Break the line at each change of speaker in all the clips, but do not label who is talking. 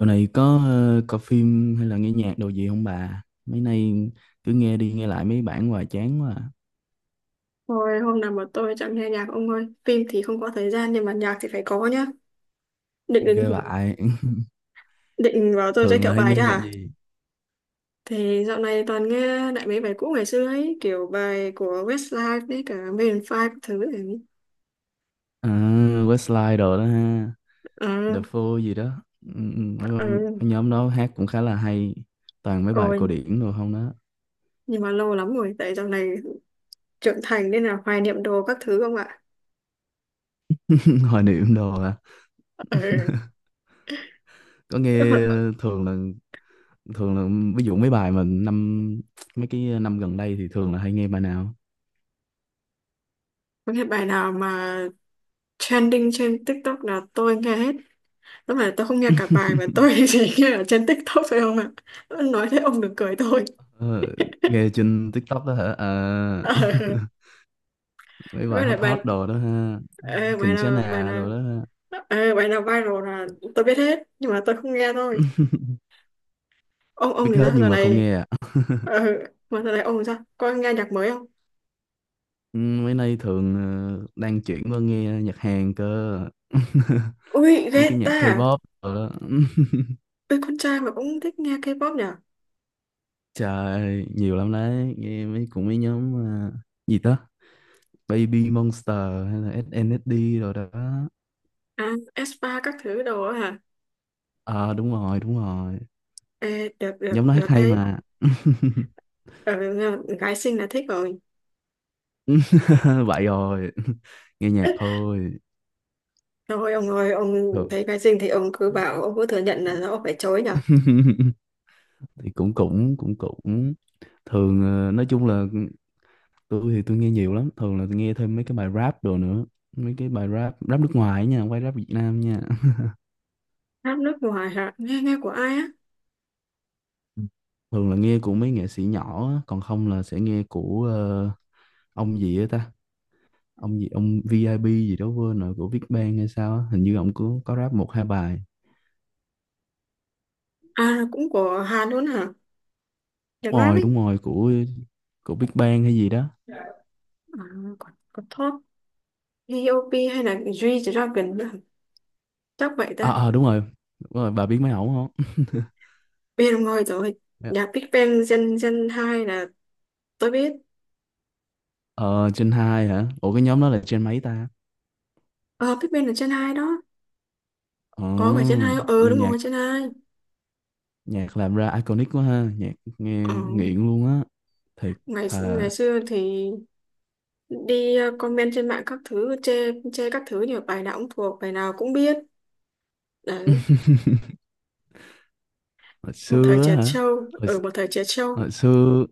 Dạo này có coi phim hay là nghe nhạc đồ gì không bà? Mấy nay cứ nghe đi nghe lại mấy bản hoài chán quá à.
Thôi, hôm nào mà tôi chẳng nghe nhạc ông ơi. Phim thì không có thời gian nhưng mà nhạc thì phải có nhá. Định định,
Ghê vậy.
định bảo tôi giới
Thường là
thiệu
hay
bài
nghe
chứ
nhạc
hả?
gì?
Thì dạo này toàn nghe lại mấy bài cũ ngày xưa ấy. Kiểu bài của Westlife đấy, cả Maroon 5 các thứ ấy.
À, Westlife đồ đó ha.
Ờ,
The Four gì đó. Ừ, ừ, Mấy,
ờ,
mấy nhóm đó hát cũng khá là hay. Toàn mấy bài
ôi.
cổ điển đồ không đó.
Nhưng mà lâu lắm rồi. Tại dạo này trưởng thành nên là hoài niệm đồ các thứ không ạ.
Hoài niệm đồ à.
Ờ,
Có nghe thường là ví dụ mấy bài mà năm mấy cái năm gần đây thì thường là hay nghe bài nào?
có cái bài nào mà trending trên TikTok là tôi nghe hết. Lúc mà tôi không nghe cả bài mà tôi chỉ nghe ở trên TikTok thôi không ạ. Nói thế ông đừng cười tôi.
Ờ, nghe trên TikTok đó hả? À,
Ờ,
mấy bài
với lại
hot
bài
hot đồ đó ha.
ờ,
Khỉnh Chá
bài
Nà đồ
nào
đó ha.
ờ, bài nào viral là tôi biết hết nhưng mà tôi không nghe thôi. Ông
Biết
ông thì
hết
sao giờ
nhưng mà không
này?
nghe à.
Ờ, mà giờ này ông thì sao? Có nghe nhạc mới không?
Ừ, mấy nay thường đang chuyển qua nghe nhạc Hàn cơ.
Ui, ghê
Mấy cái nhạc
ta.
K-pop đồ đó.
Ui, con trai mà cũng thích nghe K-pop nhỉ?
Trời, nhiều lắm đấy. Nghe mấy cũng mấy nhóm à, gì đó? Baby Monster hay là SNSD rồi đó.
À, aespa các thứ đồ á hả?
Ờ đúng rồi, đúng rồi.
Ê, được được
Nhóm nó hát
được
hay
đấy.
mà.
Ờ, gái xinh là thích rồi.
Vậy rồi, nghe nhạc thôi
Thôi ông ơi, ông
thường.
thấy cái gì thì ông cứ bảo, ông cứ thừa nhận là ông phải chối nhở.
Thì cũng cũng cũng cũng thường, nói chung là tôi thì tôi nghe nhiều lắm, thường là tôi nghe thêm mấy cái bài rap đồ nữa, mấy cái bài rap rap nước ngoài ấy nha, không phải rap Việt Nam nha.
Hát nước ngoài hả? Nghe nghe của ai á?
Ừ, thường là nghe của mấy nghệ sĩ nhỏ á, còn không là sẽ nghe của ông gì á ta, ông gì ông VIP gì đó quên rồi, của Big Bang hay sao á, hình như ông có rap một hai bài.
À, cũng của Hàn luôn hả? Nhạc
Đúng
rap
rồi
ấy.
đúng rồi, của Big Bang hay gì đó.
À, còn còn Top, T.O.P hay là G-Dragon nữa hả? Chắc vậy ta.
Ờ à, đúng rồi đúng rồi, bà biết mấy ổng không?
Biết ông ơi rồi. Nhạc Big Bang Gen 2 là tôi biết.
Ờ trên 2 hả, ủa cái nhóm đó là trên mấy ta?
Ờ, Big Bang là Gen 2 đó.
Ờ
Có phải Gen 2 không? Ừ,
nhưng
đúng
nhạc,
rồi, Gen 2.
nhạc làm ra iconic quá ha, nhạc nghe
Ờ,
nghiện luôn á, thiệt.
ngày
Thà
ngày xưa thì đi comment trên mạng các thứ, chê các thứ, nhiều bài nào cũng thuộc, bài nào cũng biết. Đấy,
hồi xưa á hả, hồi,
một thời trẻ trâu.
hồi xưa,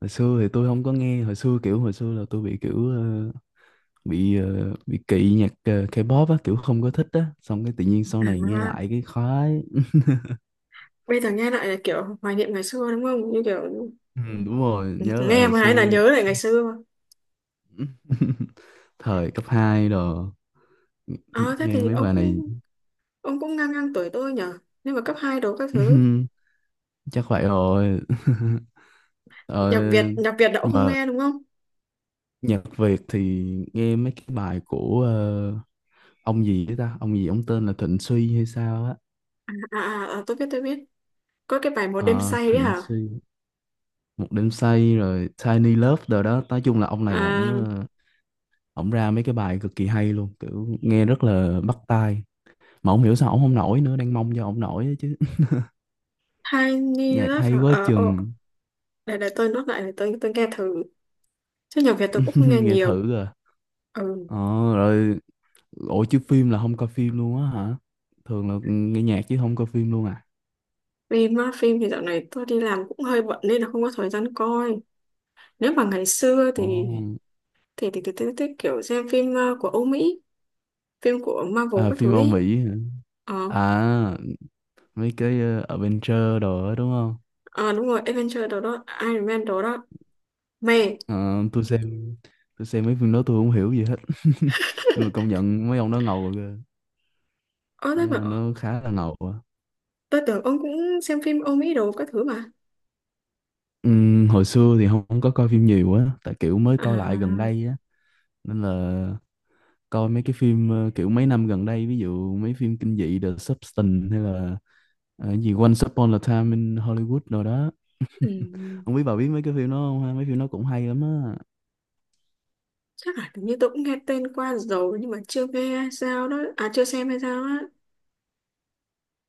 hồi xưa thì tôi không có nghe, hồi xưa kiểu hồi xưa là tôi bị kiểu bị kỵ nhạc K-pop á, kiểu không có thích á, xong cái tự nhiên sau này nghe
À,
lại cái khoái.
bây giờ nghe lại là kiểu hoài niệm ngày xưa đúng không, như kiểu
Ừ, đúng rồi, nhớ lại
nghe
hồi
mà hay là
xưa.
nhớ lại ngày xưa.
Thời cấp 2 rồi,
À, thế
nghe
thì
mấy
ông
bài này.
cũng ông cũng ngang ngang tuổi tôi nhở, nhưng mà cấp 2 đồ các thứ.
Chắc vậy rồi. Ờ,
Nhạc Việt đã
nhưng
không
mà
nghe đúng không?
nhạc Việt thì nghe mấy cái bài của ông gì đấy ta, ông gì ông tên là Thịnh Suy hay sao á.
À, à, à, tôi biết, có cái bài một đêm
Ờ,
say đấy
Thịnh
hả?
Suy, một đêm say rồi Tiny Love rồi đó, nói chung là ông này ổng
À,
ổng ra mấy cái bài cực kỳ hay luôn, kiểu nghe rất là bắt tai. Mà không hiểu sao ổng không nổi nữa, đang mong cho ổng nổi đó chứ.
Tiny
Nhạc
Love hả?
hay quá
Ờ, ồ,
chừng.
để tôi nốt lại, để tôi nghe thử, chứ nhạc Việt tôi cũng không nghe
Nghe
nhiều.
thử rồi
Ừ.
ờ rồi. Ủa chứ phim là không coi phim luôn á hả, thường là nghe nhạc chứ không coi phim luôn à?
Phim á, phim thì dạo này tôi đi làm cũng hơi bận nên là không có thời gian coi. Nếu mà ngày xưa
Ồ.
thì tôi thích kiểu xem phim của Âu Mỹ, phim của Marvel
À
các
phim
thứ
Âu
ấy.
Mỹ hả,
ờ
à mấy cái Adventure đồ đó đúng không?
À, đúng rồi. Avenger đồ đó, Iron Man đồ đó, mẹ.
Ờ, tôi xem tôi xem mấy phim đó tôi không hiểu gì hết. Nhưng mà công nhận mấy ông đó ngầu kìa,
Ơ, thế
mấy
mà
ông đó khá là ngầu á.
tôi tưởng ông cũng xem phim Âu Mỹ đồ các thứ mà.
Hồi xưa thì không, không có coi phim nhiều á, tại kiểu mới coi lại gần
À,
đây á, nên là coi mấy cái phim kiểu mấy năm gần đây, ví dụ mấy phim kinh dị The Substance, hay là cái gì Once Upon a Time in Hollywood rồi đó,
ừm,
không biết bà biết mấy cái phim đó không ha, mấy phim nó cũng hay lắm á.
chắc là hình như tôi cũng nghe tên qua rồi nhưng mà chưa nghe hay sao đó, à, chưa xem hay sao á.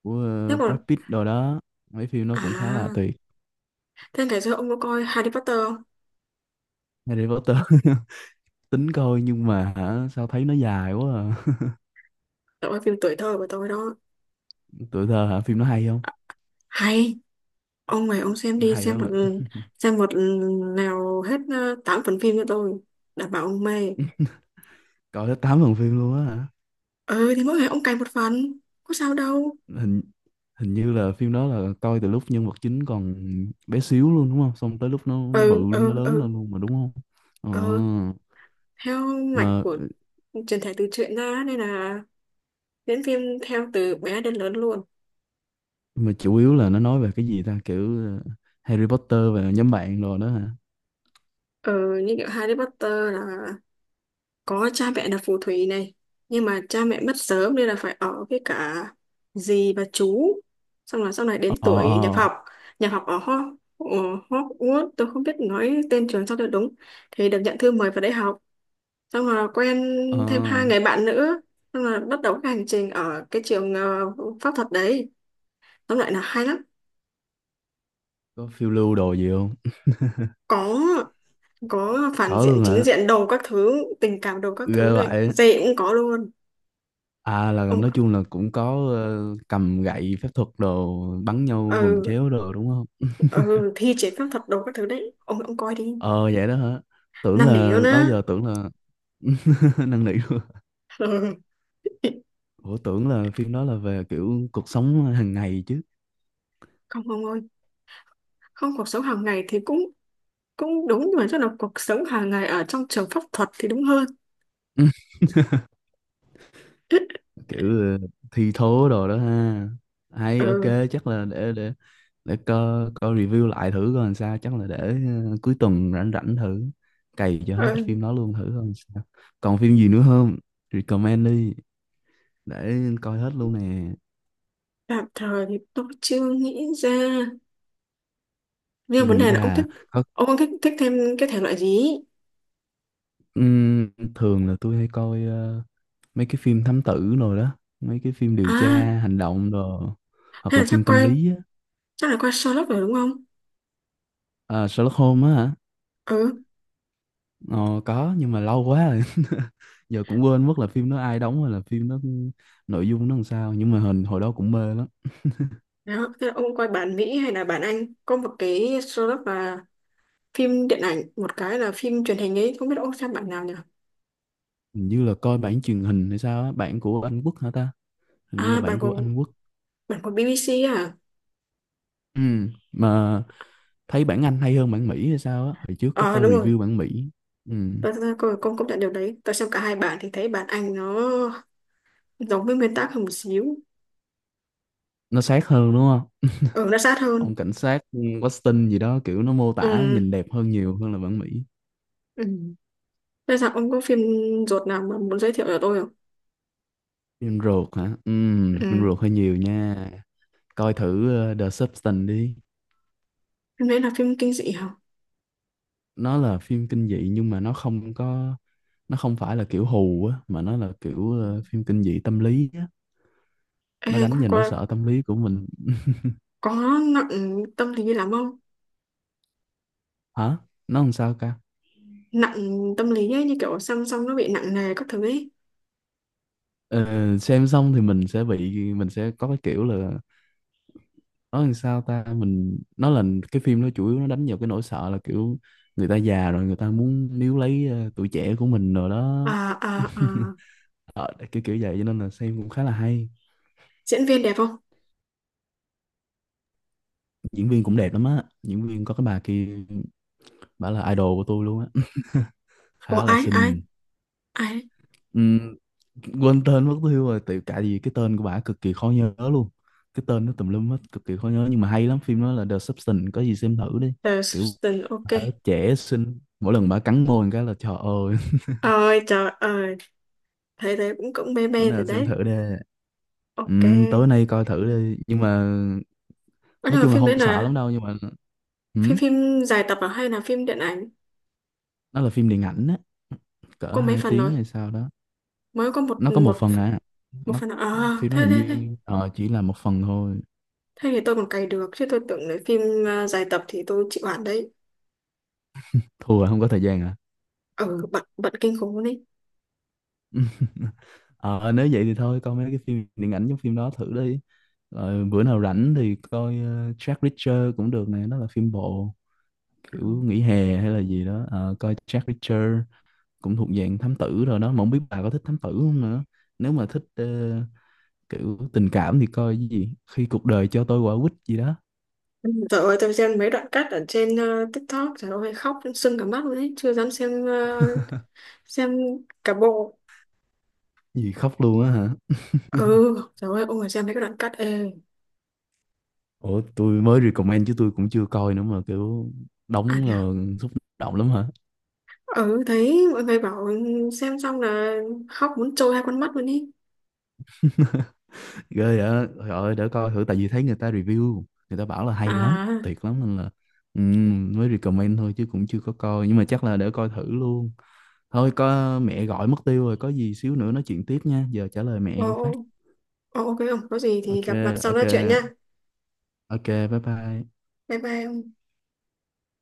Của
Thế còn,
Brad Pitt rồi đó, mấy phim nó cũng khá là
à,
tuyệt.
thế ngày xưa ông có coi Harry Potter không?
Harry Potter, tính coi nhưng mà hả sao thấy nó dài quá à.
Đó là phim tuổi thơ của tôi đó.
Tuổi thơ hả, phim nó hay không?
Hay. Ông này, ông xem đi,
Hay lắm ạ.
xem một nào hết tám phần phim cho tôi, đảm bảo ông mê.
Coi hết 8 phần phim luôn á?
Ừ thì mỗi ngày ông cày một phần, có sao đâu.
Hình Hình như là phim đó là coi từ lúc nhân vật chính còn bé xíu luôn đúng không, xong tới lúc nó bự
Ừ,
nó
ừ,
lớn
ừ.
lên luôn mà đúng không?
Ừ,
Ờ.
theo mạch
mà
của truyền thể từ truyện ra nên là diễn phim theo từ bé đến lớn luôn.
mà chủ yếu là nó nói về cái gì ta, kiểu ờ, Harry Potter và nhóm bạn rồi đó hả?
Ừ, như kiểu Harry Potter là có cha mẹ là phù thủy này, nhưng mà cha mẹ mất sớm nên là phải ở với cả dì và chú. Xong là sau này đến
Ờ
tuổi nhập
ờ.
học, nhập học ở Ho- ở Hogwarts, tôi không biết nói tên trường sao cho đúng, thì được nhận thư mời vào đại học. Xong là quen
Ờ
thêm hai người
ờ,
bạn nữa, xong là bắt đầu cái hành trình ở cái trường pháp thuật đấy, tóm lại là hay lắm.
có phiêu lưu đồ gì không?
Có có phản
Có
diện
luôn
chính
hả?
diện đồ các thứ, tình cảm đồ các
Ghê
thứ này
vậy.
dễ cũng có luôn,
À là
ông.
nói chung là cũng có cầm gậy phép thuật đồ, bắn nhau bùm
Ừ,
chéo đồ đúng không?
ừ, thi chế pháp thuật đồ các thứ đấy, ông coi đi.
Ờ vậy đó hả, tưởng
Năn nỉ
là
luôn
đó
á.
giờ tưởng là. Năn nỉ.
Ừ.
Ủa tưởng là phim đó là về kiểu cuộc sống hàng ngày chứ.
Không ông ơi, không, cuộc sống hàng ngày thì cũng cũng đúng, nhưng mà chắc là cuộc sống hàng ngày ở trong trường pháp thuật thì đúng hơn.
Kiểu thi thố đồ đó ha, hay ok.
Ừ,
Chắc là để để coi coi review lại thử coi làm sao, chắc là để cuối tuần rảnh rảnh thử cày cho hết phim
ừ.
đó luôn thử coi làm sao. Còn phim gì nữa không, recommend đi, để coi hết luôn nè.
Tạm thời thì tôi chưa nghĩ ra,
Chưa
nhưng vấn
nghĩ
đề là
ra có.
ông thích thích thêm cái thể loại gì ý?
Ừm, thường là tôi hay coi mấy cái phim thám tử rồi đó, mấy cái phim điều
À,
tra hành động rồi, hoặc
hay
là
là
phim tâm lý á.
chắc là coi Sherlock rồi đúng không?
Ờ, Sherlock Holmes á hả?
Ừ,
Ờ, có nhưng mà lâu quá rồi. Giờ cũng quên mất là phim nó ai đóng hay là phim nó nội dung nó làm sao, nhưng mà hình hồi đó cũng mê lắm.
đó, thế là ông coi bản Mỹ hay là bản Anh? Có một cái Sherlock là phim điện ảnh, một cái là phim truyền hình ấy, không biết ông xem bản nào nhỉ?
Hình như là coi bản truyền hình hay sao á, bản của Anh Quốc hả ta? Hình như là
À, bản
bản của
của
Anh Quốc.
bản của BBC à?
Ừ, mà thấy bản Anh hay hơn bản Mỹ hay sao á? Hồi trước có
Ờ,
coi
đúng rồi.
review bản Mỹ. Ừ,
Tôi con công nhận điều đấy. Tôi xem cả hai bản thì thấy bản Anh nó giống với nguyên tác hơn một xíu.
nó sát hơn đúng không?
Ừ, nó sát hơn.
Ông cảnh sát Weston gì đó kiểu nó mô tả
Ừ.
nhìn đẹp hơn nhiều hơn là bản Mỹ.
Ừ. Bây giờ ông có phim ruột nào mà muốn giới thiệu cho tôi không?
Phim ruột hả? Ừ, phim
Ừ.
ruột hơi nhiều nha. Coi thử The Substance đi.
Phim đấy là phim kinh dị hả?
Nó là phim kinh dị nhưng mà nó không có, nó không phải là kiểu hù á, mà nó là kiểu phim kinh dị tâm lý á,
Ê,
nó đánh vào nỗi sợ tâm lý của mình.
có nặng tâm lý lắm không?
Hả nó làm sao ca?
Nặng tâm lý ấy, như kiểu song song nó bị nặng nề các thứ ấy.
Ờ, xem xong thì mình sẽ bị, mình sẽ có cái kiểu là, nó làm sao ta, mình nó là, cái phim nó chủ yếu nó đánh vào cái nỗi sợ là kiểu người ta già rồi người ta muốn níu lấy tuổi trẻ của mình rồi
À,
đó.
à, à.
Ờ, kiểu kiểu vậy cho nên là xem cũng khá là hay.
Diễn viên đẹp không?
Diễn viên cũng đẹp lắm á, diễn viên có cái bà kia, bả là idol của tôi luôn á,
Ủa,
khá là
ai, ai,
xinh.
ai?
Ừm, quên tên mất tiêu rồi, tại tại vì cái tên của bả cực kỳ khó nhớ luôn, cái tên nó tùm lum hết, cực kỳ khó nhớ, nhưng mà hay lắm, phim đó là The Substance, có gì xem thử đi.
Tờ,
Kiểu
Sutton, ok.
bà đó trẻ xinh, mỗi lần bà cắn môi một cái là trời ơi.
Ôi trời ơi. Thấy thế cũng cũng mê
Bữa
mê rồi
nào xem thử
đấy.
đi.
Ok.
Tối nay coi thử đi nhưng mà,
Ơ, nhưng
nói
mà
chung là
phim đấy
không sợ
là
lắm đâu nhưng mà,
phim
ừm,
phim dài tập à, hay là phim điện ảnh?
nó là phim điện ảnh á, cỡ
Có mấy
2
phần rồi?
tiếng hay sao đó.
Mới có một
Nó có một
một
phần à,
một
nó
phần à? À,
phim nó
thế
hình
thế thế
như chỉ là một phần thôi.
Thế thì tôi còn cày được, chứ tôi tưởng là phim, à, dài tập thì tôi chịu hẳn đấy.
Thua hả? Không có thời gian à.
Ừ, bận bận kinh khủng luôn đấy.
Ờ nếu vậy thì thôi coi mấy cái phim điện ảnh giống phim đó thử đi, rồi bữa nào rảnh thì coi Jack Reacher cũng được nè, nó là phim bộ kiểu nghỉ hè hay là gì đó. Ờ, coi Jack Reacher cũng thuộc dạng thám tử rồi đó, mà không biết bà có thích thám tử không nữa. Nếu mà thích kiểu tình cảm thì coi cái gì khi cuộc đời cho tôi quả quýt gì đó.
Trời ơi, tôi xem mấy đoạn cắt ở trên TikTok, trời ơi, khóc sưng cả mắt luôn đấy, chưa dám xem, xem cả bộ.
Gì khóc luôn á hả?
Ừ, trời ơi, ôi, xem mấy cái đoạn cắt, ê.
Ủa tôi mới recommend chứ tôi cũng chưa coi nữa mà, kiểu
À,
đóng
thế à?
xúc động lắm hả?
Ừ, thấy mọi người bảo xem xong là khóc muốn trôi hai con mắt luôn ý.
Ghê vậy, trời ơi, để coi thử, tại vì thấy người ta review, người ta bảo là hay lắm,
À,
tuyệt lắm, nên là mới recommend thôi chứ cũng chưa có coi, nhưng mà chắc là để coi thử luôn. Thôi có mẹ gọi mất tiêu rồi, có gì xíu nữa nói chuyện tiếp nha, giờ trả lời
ồ,
mẹ phát.
ồ, ok, không có gì thì
Ok,
gặp mặt sau
ok,
nói chuyện nha.
ok, bye bye.
Bye bye.